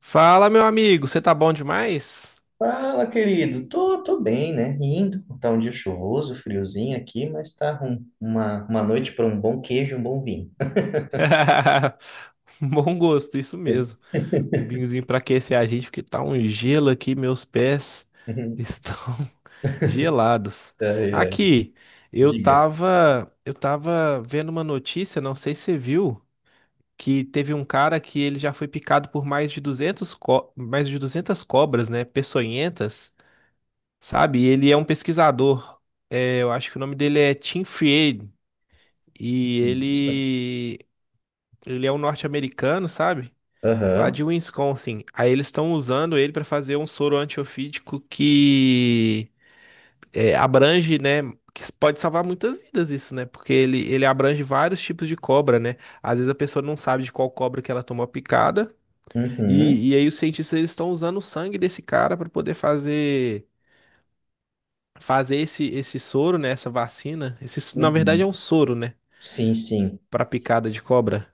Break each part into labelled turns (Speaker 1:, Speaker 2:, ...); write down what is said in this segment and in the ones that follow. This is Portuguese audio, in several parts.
Speaker 1: Fala, meu amigo, você tá bom demais?
Speaker 2: Fala, querido. Tô bem, né? Indo. Tá um dia chuvoso, friozinho aqui, mas tá uma noite para um bom queijo e um bom vinho.
Speaker 1: Bom gosto, isso mesmo. Um vinhozinho pra aquecer a gente, porque tá um gelo aqui, meus pés estão gelados.
Speaker 2: Ai, ai.
Speaker 1: Aqui, eu
Speaker 2: Diga.
Speaker 1: tava, eu tava vendo uma notícia, não sei se você viu, que teve um cara que ele já foi picado por mais de mais de 200 cobras, né, peçonhentas, sabe? E ele é um pesquisador. É, eu acho que o nome dele é Tim Fried. E
Speaker 2: Nossa.
Speaker 1: ele Ele é um norte-americano, sabe? Lá de
Speaker 2: Aham.
Speaker 1: Wisconsin. Aí eles estão usando ele para fazer um soro antiofídico que abrange, né? Que pode salvar muitas vidas isso, né? Porque ele abrange vários tipos de cobra, né? Às vezes a pessoa não sabe de qual cobra que ela tomou a picada.
Speaker 2: Uhum.
Speaker 1: E aí os cientistas eles estão usando o sangue desse cara para poder fazer esse soro, né? Essa vacina. Na verdade
Speaker 2: Uhum.
Speaker 1: é um soro, né?
Speaker 2: Sim, sim.
Speaker 1: Para picada de cobra.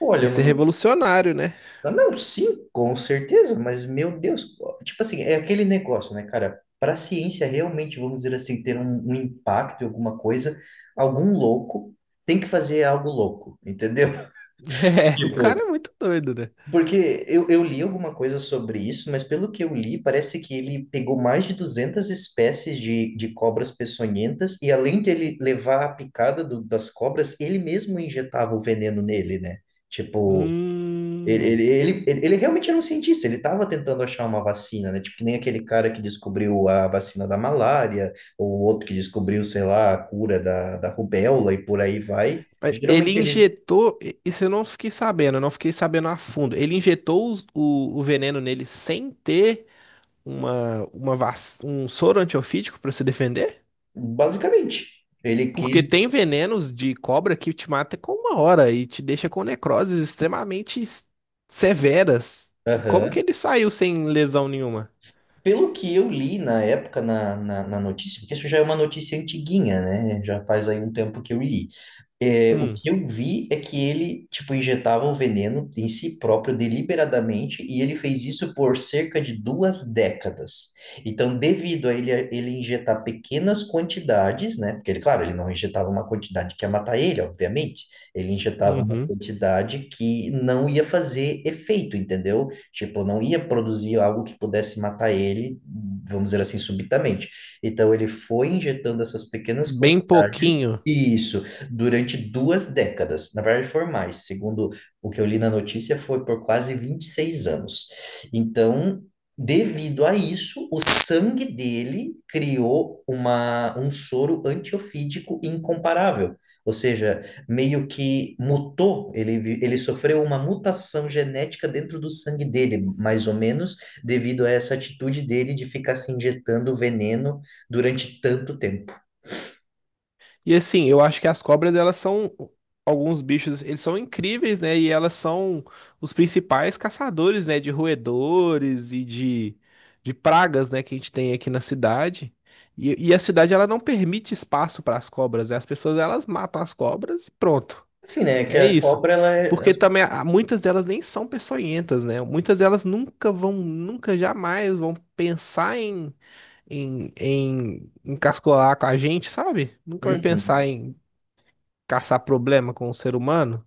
Speaker 2: Olha,
Speaker 1: Isso é
Speaker 2: mano.
Speaker 1: revolucionário, né?
Speaker 2: Não, sim, com certeza, mas meu Deus. Tipo assim, é aquele negócio, né, cara? Para a ciência realmente, vamos dizer assim, ter um impacto em alguma coisa, algum louco tem que fazer algo louco, entendeu?
Speaker 1: É, o cara
Speaker 2: Tipo,
Speaker 1: é muito doido, né?
Speaker 2: porque eu li alguma coisa sobre isso, mas pelo que eu li, parece que ele pegou mais de 200 espécies de cobras peçonhentas, e além de ele levar a picada das cobras, ele mesmo injetava o veneno nele, né? Tipo, ele, ele,
Speaker 1: Hum.
Speaker 2: ele, ele ele realmente era um cientista, ele estava tentando achar uma vacina, né? Tipo, que nem aquele cara que descobriu a vacina da malária, ou o outro que descobriu, sei lá, a cura da rubéola e por aí vai.
Speaker 1: Mas
Speaker 2: Geralmente eles,
Speaker 1: isso eu não fiquei sabendo, eu não fiquei sabendo a fundo. Ele injetou o veneno nele sem ter um soro antiofídico para se defender?
Speaker 2: basicamente, ele
Speaker 1: Porque
Speaker 2: quis.
Speaker 1: tem venenos de cobra que te mata com uma hora e te deixa com necroses extremamente severas. E como que
Speaker 2: Aham.
Speaker 1: ele saiu sem lesão nenhuma?
Speaker 2: Pelo que eu li na época na notícia, porque isso já é uma notícia antiguinha, né? Já faz aí um tempo que eu li. É, o
Speaker 1: Hum,
Speaker 2: que eu vi é que ele, tipo, injetava o veneno em si próprio deliberadamente e ele fez isso por cerca de 2 décadas. Então, devido a ele injetar pequenas quantidades, né? Porque ele, claro, ele não injetava uma quantidade que ia matar ele, obviamente. Ele injetava uma
Speaker 1: uhum.
Speaker 2: quantidade que não ia fazer efeito, entendeu? Tipo, não ia produzir algo que pudesse matar ele, vamos dizer assim, subitamente. Então, ele foi injetando essas pequenas
Speaker 1: Bem
Speaker 2: quantidades.
Speaker 1: pouquinho.
Speaker 2: Isso durante 2 décadas. Na verdade, foram mais. Segundo o que eu li na notícia, foi por quase 26 anos. Então, devido a isso, o sangue dele criou um soro antiofídico incomparável. Ou seja, meio que mutou, ele, ele sofreu uma mutação genética dentro do sangue dele, mais ou menos, devido a essa atitude dele de ficar se injetando veneno durante tanto tempo.
Speaker 1: E assim, eu acho que as cobras, elas são alguns bichos, eles são incríveis, né? E elas são os principais caçadores, né? De roedores de pragas, né? Que a gente tem aqui na cidade. E a cidade, ela não permite espaço para as cobras, né? As pessoas, elas matam as cobras e pronto.
Speaker 2: Assim, né? É que
Speaker 1: É
Speaker 2: a
Speaker 1: isso.
Speaker 2: cobra, ela é.
Speaker 1: Porque também muitas delas nem são peçonhentas, né? Muitas delas nunca jamais vão pensar em encascolar com a gente, sabe? Nunca vai pensar
Speaker 2: Uhum.
Speaker 1: em caçar problema com o ser humano.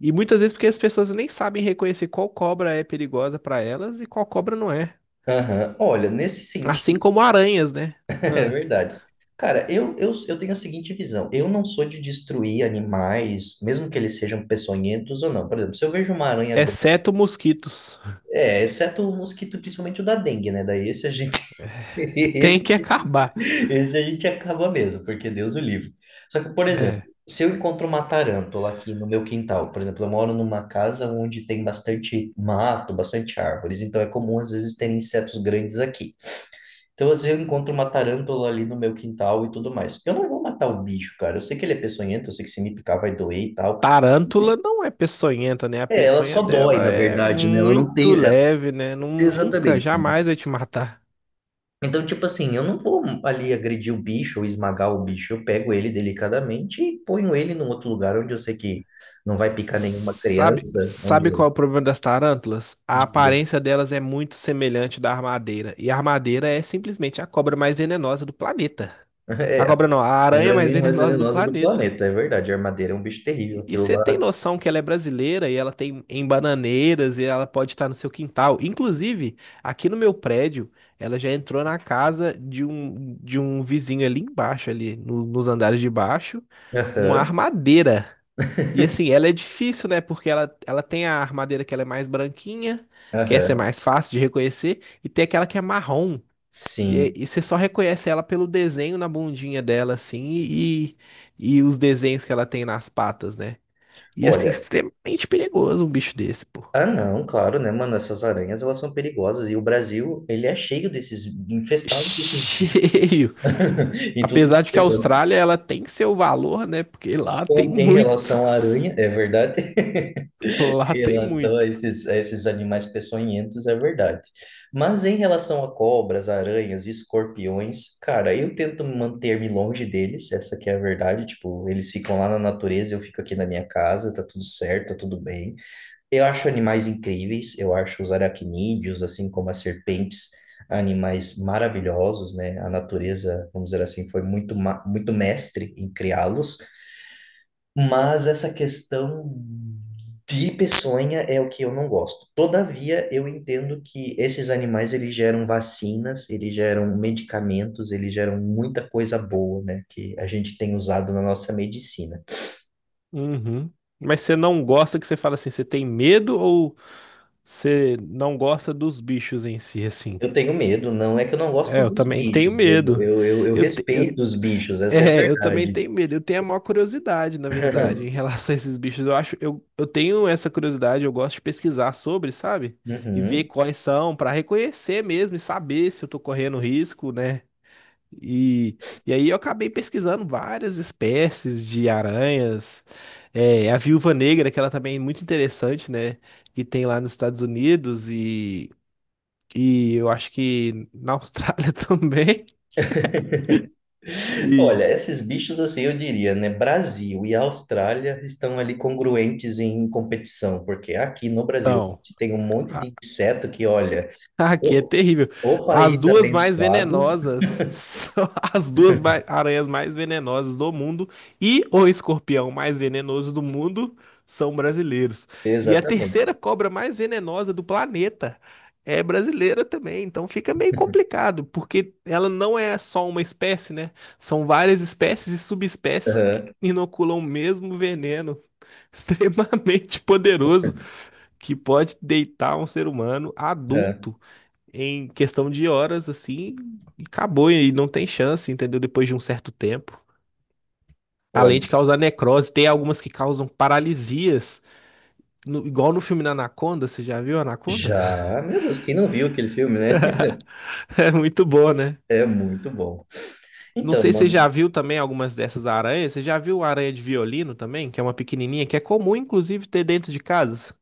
Speaker 1: E muitas vezes porque as pessoas nem sabem reconhecer qual cobra é perigosa para elas e qual cobra não é.
Speaker 2: Aham. Olha, nesse
Speaker 1: Assim
Speaker 2: sentido,
Speaker 1: como aranhas, né?
Speaker 2: é
Speaker 1: Ah,
Speaker 2: verdade. Cara, eu tenho a seguinte visão. Eu não sou de destruir animais, mesmo que eles sejam peçonhentos ou não. Por exemplo, se eu vejo uma aranha grande,
Speaker 1: exceto mosquitos.
Speaker 2: é, exceto o mosquito, principalmente o da dengue, né? Daí esse a gente,
Speaker 1: Tem
Speaker 2: esse,
Speaker 1: que acabar.
Speaker 2: esse a gente acaba mesmo, porque Deus o livre. Só que, por exemplo,
Speaker 1: É.
Speaker 2: se eu encontro uma tarântula aqui no meu quintal, por exemplo, eu moro numa casa onde tem bastante mato, bastante árvores, então é comum às vezes ter insetos grandes aqui. Então, às vezes, eu encontro uma tarântula ali no meu quintal e tudo mais. Eu não vou matar o bicho, cara. Eu sei que ele é peçonhento, eu sei que se me picar vai doer e tal.
Speaker 1: Tarântula não é peçonhenta, né? A
Speaker 2: É, ela só
Speaker 1: peçonha
Speaker 2: dói,
Speaker 1: dela
Speaker 2: na
Speaker 1: é
Speaker 2: verdade, né? Ela não
Speaker 1: muito
Speaker 2: tem. É,
Speaker 1: leve, né? Nunca,
Speaker 2: exatamente.
Speaker 1: jamais vai te matar.
Speaker 2: Então, tipo assim, eu não vou ali agredir o bicho ou esmagar o bicho. Eu pego ele delicadamente e ponho ele num outro lugar onde eu sei que não vai picar nenhuma
Speaker 1: Sabe,
Speaker 2: criança, onde
Speaker 1: sabe
Speaker 2: eu
Speaker 1: qual é o problema das tarântulas? A
Speaker 2: diga.
Speaker 1: aparência delas é muito semelhante da armadeira. E a armadeira é simplesmente a cobra mais venenosa do planeta. A
Speaker 2: É, a
Speaker 1: cobra não, a aranha mais
Speaker 2: aranha mais
Speaker 1: venenosa do
Speaker 2: venenosa do
Speaker 1: planeta.
Speaker 2: planeta, é verdade. A armadeira é um bicho terrível,
Speaker 1: E
Speaker 2: aquilo
Speaker 1: você tem
Speaker 2: lá.
Speaker 1: noção que ela é brasileira e ela tem em bananeiras e ela pode estar no seu quintal. Inclusive, aqui no meu prédio, ela já entrou na casa de um vizinho ali embaixo, ali nos andares de baixo, uma
Speaker 2: Aham,
Speaker 1: armadeira. E assim, ela é difícil, né? Porque ela tem a armadeira que ela é mais branquinha, que essa é
Speaker 2: aham.
Speaker 1: mais fácil de reconhecer, e tem aquela que é marrom. E, é-
Speaker 2: Sim.
Speaker 1: e você só reconhece ela pelo desenho na bundinha dela, assim, e os desenhos que ela tem nas patas, né? E, assim,
Speaker 2: Olha,
Speaker 1: extremamente perigoso um bicho desse, pô.
Speaker 2: ah, não, claro, né, mano? Essas aranhas, elas são perigosas. E o Brasil, ele é cheio desses, infestado desses...
Speaker 1: Cheio.
Speaker 2: em tudo
Speaker 1: Apesar de
Speaker 2: que
Speaker 1: que a
Speaker 2: é canto.
Speaker 1: Austrália, ela tem seu valor, né? Porque lá tem
Speaker 2: Em relação à
Speaker 1: muitos.
Speaker 2: aranha, é verdade.
Speaker 1: Lá
Speaker 2: Em
Speaker 1: tem
Speaker 2: relação
Speaker 1: muito.
Speaker 2: a esses animais peçonhentos, é verdade. Mas em relação a cobras, aranhas, escorpiões, cara, eu tento manter-me longe deles, essa que é a verdade. Tipo, eles ficam lá na natureza, eu fico aqui na minha casa, tá tudo certo, tá tudo bem. Eu acho animais incríveis, eu acho os aracnídeos, assim como as serpentes, animais maravilhosos, né? A natureza, vamos dizer assim, foi muito, muito mestre em criá-los, mas essa questão de peçonha é o que eu não gosto. Todavia, eu entendo que esses animais, eles geram vacinas, eles geram medicamentos, eles geram muita coisa boa, né? Que a gente tem usado na nossa medicina.
Speaker 1: Uhum. Mas você não gosta que você fala assim, você tem medo ou você não gosta dos bichos em si, assim?
Speaker 2: Eu tenho medo, não é que eu não gosto
Speaker 1: É, eu
Speaker 2: dos
Speaker 1: também tenho
Speaker 2: bichos, eu,
Speaker 1: medo.
Speaker 2: eu, eu, eu
Speaker 1: Eu, te- eu,
Speaker 2: respeito os bichos, essa é a
Speaker 1: É, eu também
Speaker 2: verdade.
Speaker 1: tenho medo. Eu tenho a maior curiosidade, na verdade, em relação a esses bichos. Eu tenho essa curiosidade, eu gosto de pesquisar sobre, sabe? E ver
Speaker 2: Uhum.
Speaker 1: quais são, pra reconhecer mesmo e saber se eu tô correndo risco, né? E, e aí eu acabei pesquisando várias espécies de aranhas. É, a viúva negra, que ela também é muito interessante, né? Que tem lá nos Estados Unidos e eu acho que na Austrália também. E,
Speaker 2: Olha, esses bichos, assim, eu diria, né? Brasil e Austrália estão ali congruentes em competição, porque aqui no Brasil a
Speaker 1: então.
Speaker 2: gente tem um monte de inseto que, olha,
Speaker 1: Aqui é
Speaker 2: o,
Speaker 1: terrível.
Speaker 2: o
Speaker 1: As
Speaker 2: país
Speaker 1: duas mais
Speaker 2: abençoado,
Speaker 1: venenosas são as aranhas mais venenosas do mundo e o escorpião mais venenoso do mundo são brasileiros. E a
Speaker 2: exatamente.
Speaker 1: terceira cobra mais venenosa do planeta é brasileira também. Então fica meio complicado, porque ela não é só uma espécie, né? São várias espécies e subespécies que
Speaker 2: Aham,
Speaker 1: inoculam o mesmo veneno extremamente poderoso que pode deitar um ser humano
Speaker 2: aham.
Speaker 1: adulto em questão de horas, assim, e acabou e não tem chance, entendeu? Depois de um certo tempo.
Speaker 2: Olha,
Speaker 1: Além de causar necrose, tem algumas que causam paralisias, igual no filme da Anaconda, você já viu Anaconda?
Speaker 2: já, meu Deus, quem não viu aquele filme, né?
Speaker 1: É muito boa, né?
Speaker 2: É muito bom.
Speaker 1: Não
Speaker 2: Então,
Speaker 1: sei se você já
Speaker 2: mano.
Speaker 1: viu também algumas dessas aranhas. Você já viu a aranha de violino também, que é uma pequenininha, que é comum, inclusive, ter dentro de casa?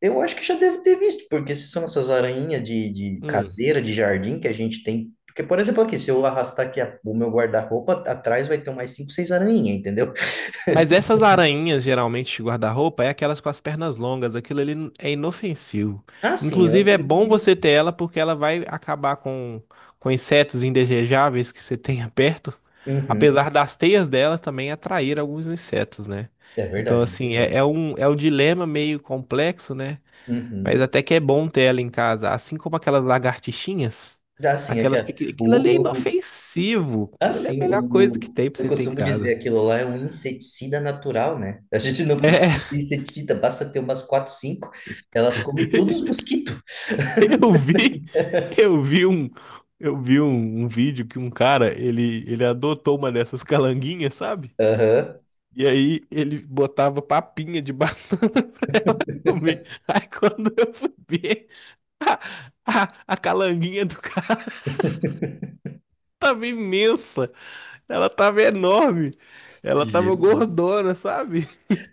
Speaker 2: Eu acho que já devo ter visto, porque se são essas aranhinhas de caseira, de jardim que a gente tem. Porque, por exemplo, aqui, se eu arrastar aqui o meu guarda-roupa, atrás vai ter mais cinco, seis aranhinhas, entendeu?
Speaker 1: Mas essas aranhas, geralmente, de guarda-roupa, é aquelas com as pernas longas. Aquilo ali é inofensivo.
Speaker 2: Ah, sim, eu
Speaker 1: Inclusive,
Speaker 2: sou
Speaker 1: é bom
Speaker 2: inofensivo.
Speaker 1: você ter ela porque ela vai acabar com insetos indesejáveis que você tenha perto.
Speaker 2: Uhum.
Speaker 1: Apesar das teias dela também atrair alguns insetos, né?
Speaker 2: É
Speaker 1: Então,
Speaker 2: verdade, é
Speaker 1: assim,
Speaker 2: verdade.
Speaker 1: é um dilema meio complexo, né? Mas
Speaker 2: Uhum.
Speaker 1: até que é bom ter ela em casa. Assim como aquelas lagartixinhas,
Speaker 2: Ah, sim, é que
Speaker 1: aquelas pequenas. Aquilo
Speaker 2: o,
Speaker 1: ali é
Speaker 2: o, o-
Speaker 1: inofensivo.
Speaker 2: ah,
Speaker 1: Aquilo ali é a
Speaker 2: sim, o,
Speaker 1: melhor coisa que tem pra
Speaker 2: eu
Speaker 1: você ter em
Speaker 2: costumo dizer
Speaker 1: casa.
Speaker 2: aquilo lá é um inseticida natural, né? A gente não precisa
Speaker 1: É.
Speaker 2: de inseticida, basta ter umas quatro, cinco, elas comem todos os mosquitos.
Speaker 1: Eu vi, eu vi um, eu vi um, um vídeo que um cara, ele adotou uma dessas calanguinhas, sabe?
Speaker 2: Aham.
Speaker 1: E aí ele botava papinha de banana pra ela comer. Aí quando eu fui ver, a, a calanguinha do cara tava imensa, ela tava enorme, ela tava gordona, sabe?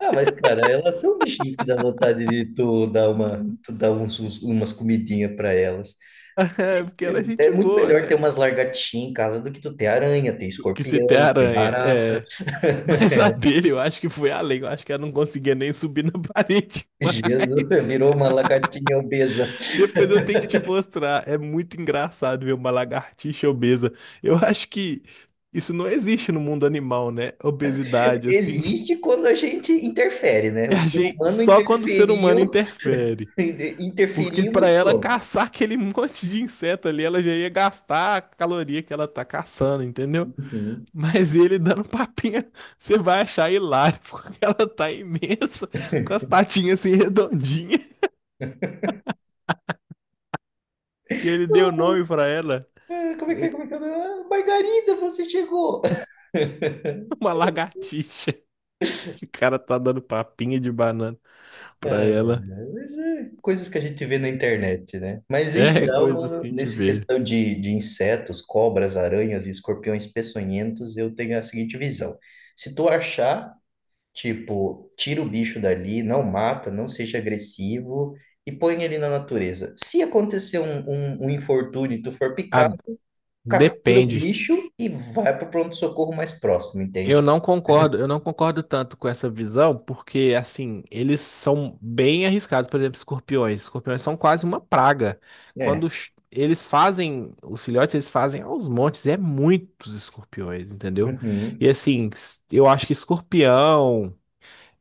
Speaker 2: Ah, mas, cara, elas são bichinhos que dá vontade de tu dar uma, tu dar uns, umas comidinhas para elas.
Speaker 1: porque ela é
Speaker 2: É, é
Speaker 1: gente
Speaker 2: muito
Speaker 1: boa,
Speaker 2: melhor
Speaker 1: né?
Speaker 2: ter umas lagartixinhas em casa do que tu ter aranha, ter
Speaker 1: Que você tem
Speaker 2: escorpião, ter
Speaker 1: aranha,
Speaker 2: barata.
Speaker 1: é. Mas a dele, eu acho que foi além. Eu acho que ela não conseguia nem subir na parede
Speaker 2: Jesus,
Speaker 1: mais.
Speaker 2: virou uma lagartinha obesa.
Speaker 1: Depois eu tenho que te mostrar. É muito engraçado ver uma lagartixa obesa. Eu acho que isso não existe no mundo animal, né? Obesidade, assim.
Speaker 2: Existe quando a gente interfere, né? O
Speaker 1: Eu
Speaker 2: ser
Speaker 1: achei
Speaker 2: humano
Speaker 1: só quando o ser humano
Speaker 2: interferiu,
Speaker 1: interfere. Porque para
Speaker 2: interferimos,
Speaker 1: ela
Speaker 2: pronto.
Speaker 1: caçar aquele monte de inseto ali, ela já ia gastar a caloria que ela tá caçando, entendeu?
Speaker 2: Uhum.
Speaker 1: Mas ele dando papinha, você vai achar hilário, porque ela tá imensa, com as patinhas assim redondinhas. E ele deu nome pra ela,
Speaker 2: Ah, como é que
Speaker 1: eh,
Speaker 2: é? Como é que é? Ah, Margarida, você chegou!
Speaker 1: uma lagartixa. Que o cara tá dando papinha de banana pra
Speaker 2: Ah,
Speaker 1: ela.
Speaker 2: mas é coisas que a gente vê na internet, né? Mas em
Speaker 1: É
Speaker 2: geral,
Speaker 1: coisas
Speaker 2: mano,
Speaker 1: que a gente
Speaker 2: nessa
Speaker 1: vê.
Speaker 2: questão de insetos, cobras, aranhas e escorpiões peçonhentos, eu tenho a seguinte visão. Se tu achar, tipo, tira o bicho dali, não mata, não seja agressivo e põe ele na natureza. Se acontecer um infortúnio e tu for
Speaker 1: Ah,
Speaker 2: picado, captura o
Speaker 1: depende.
Speaker 2: bicho e vai pro pronto-socorro mais próximo, entende?
Speaker 1: Eu não concordo tanto com essa visão, porque assim, eles são bem arriscados, por exemplo, escorpiões. Escorpiões são quase uma praga.
Speaker 2: É.
Speaker 1: Eles fazem, os filhotes, eles fazem aos montes, é muitos escorpiões, entendeu?
Speaker 2: Uhum,
Speaker 1: E assim, eu acho que escorpião,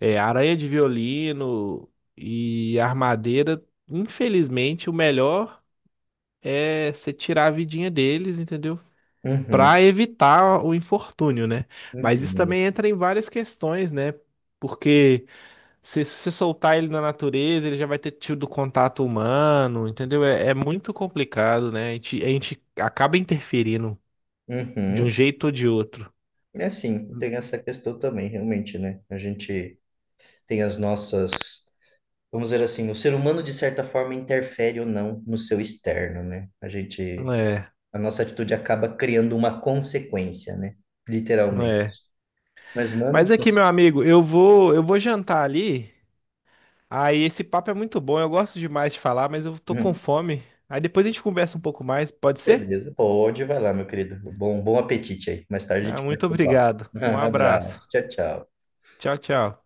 Speaker 1: é, aranha de violino e armadeira, infelizmente, o melhor é você tirar a vidinha deles, entendeu? Para
Speaker 2: uhum,
Speaker 1: evitar o infortúnio, né? Mas isso
Speaker 2: entendo.
Speaker 1: também entra em várias questões, né? Porque se você soltar ele na natureza, ele já vai ter tido contato humano, entendeu? É, é muito complicado, né? A gente acaba interferindo de um
Speaker 2: Uhum.
Speaker 1: jeito ou de outro.
Speaker 2: É assim, tem essa questão também, realmente, né? A gente tem as nossas, vamos dizer assim, o ser humano de certa forma interfere ou não no seu externo, né? A gente,
Speaker 1: É,
Speaker 2: a nossa atitude acaba criando uma consequência, né? Literalmente.
Speaker 1: é.
Speaker 2: Mas,
Speaker 1: Mas
Speaker 2: mano,
Speaker 1: aqui, meu amigo, eu vou jantar ali. Aí esse papo é muito bom, eu gosto demais de falar, mas eu tô com
Speaker 2: hum,
Speaker 1: fome. Aí depois a gente conversa um pouco mais, pode ser?
Speaker 2: beleza, pode, vai lá, meu querido. Bom, bom apetite aí. Mais tarde a
Speaker 1: Ah,
Speaker 2: gente
Speaker 1: muito
Speaker 2: bate o papo.
Speaker 1: obrigado. Um abraço.
Speaker 2: Abraço, tchau, tchau.
Speaker 1: Tchau, tchau.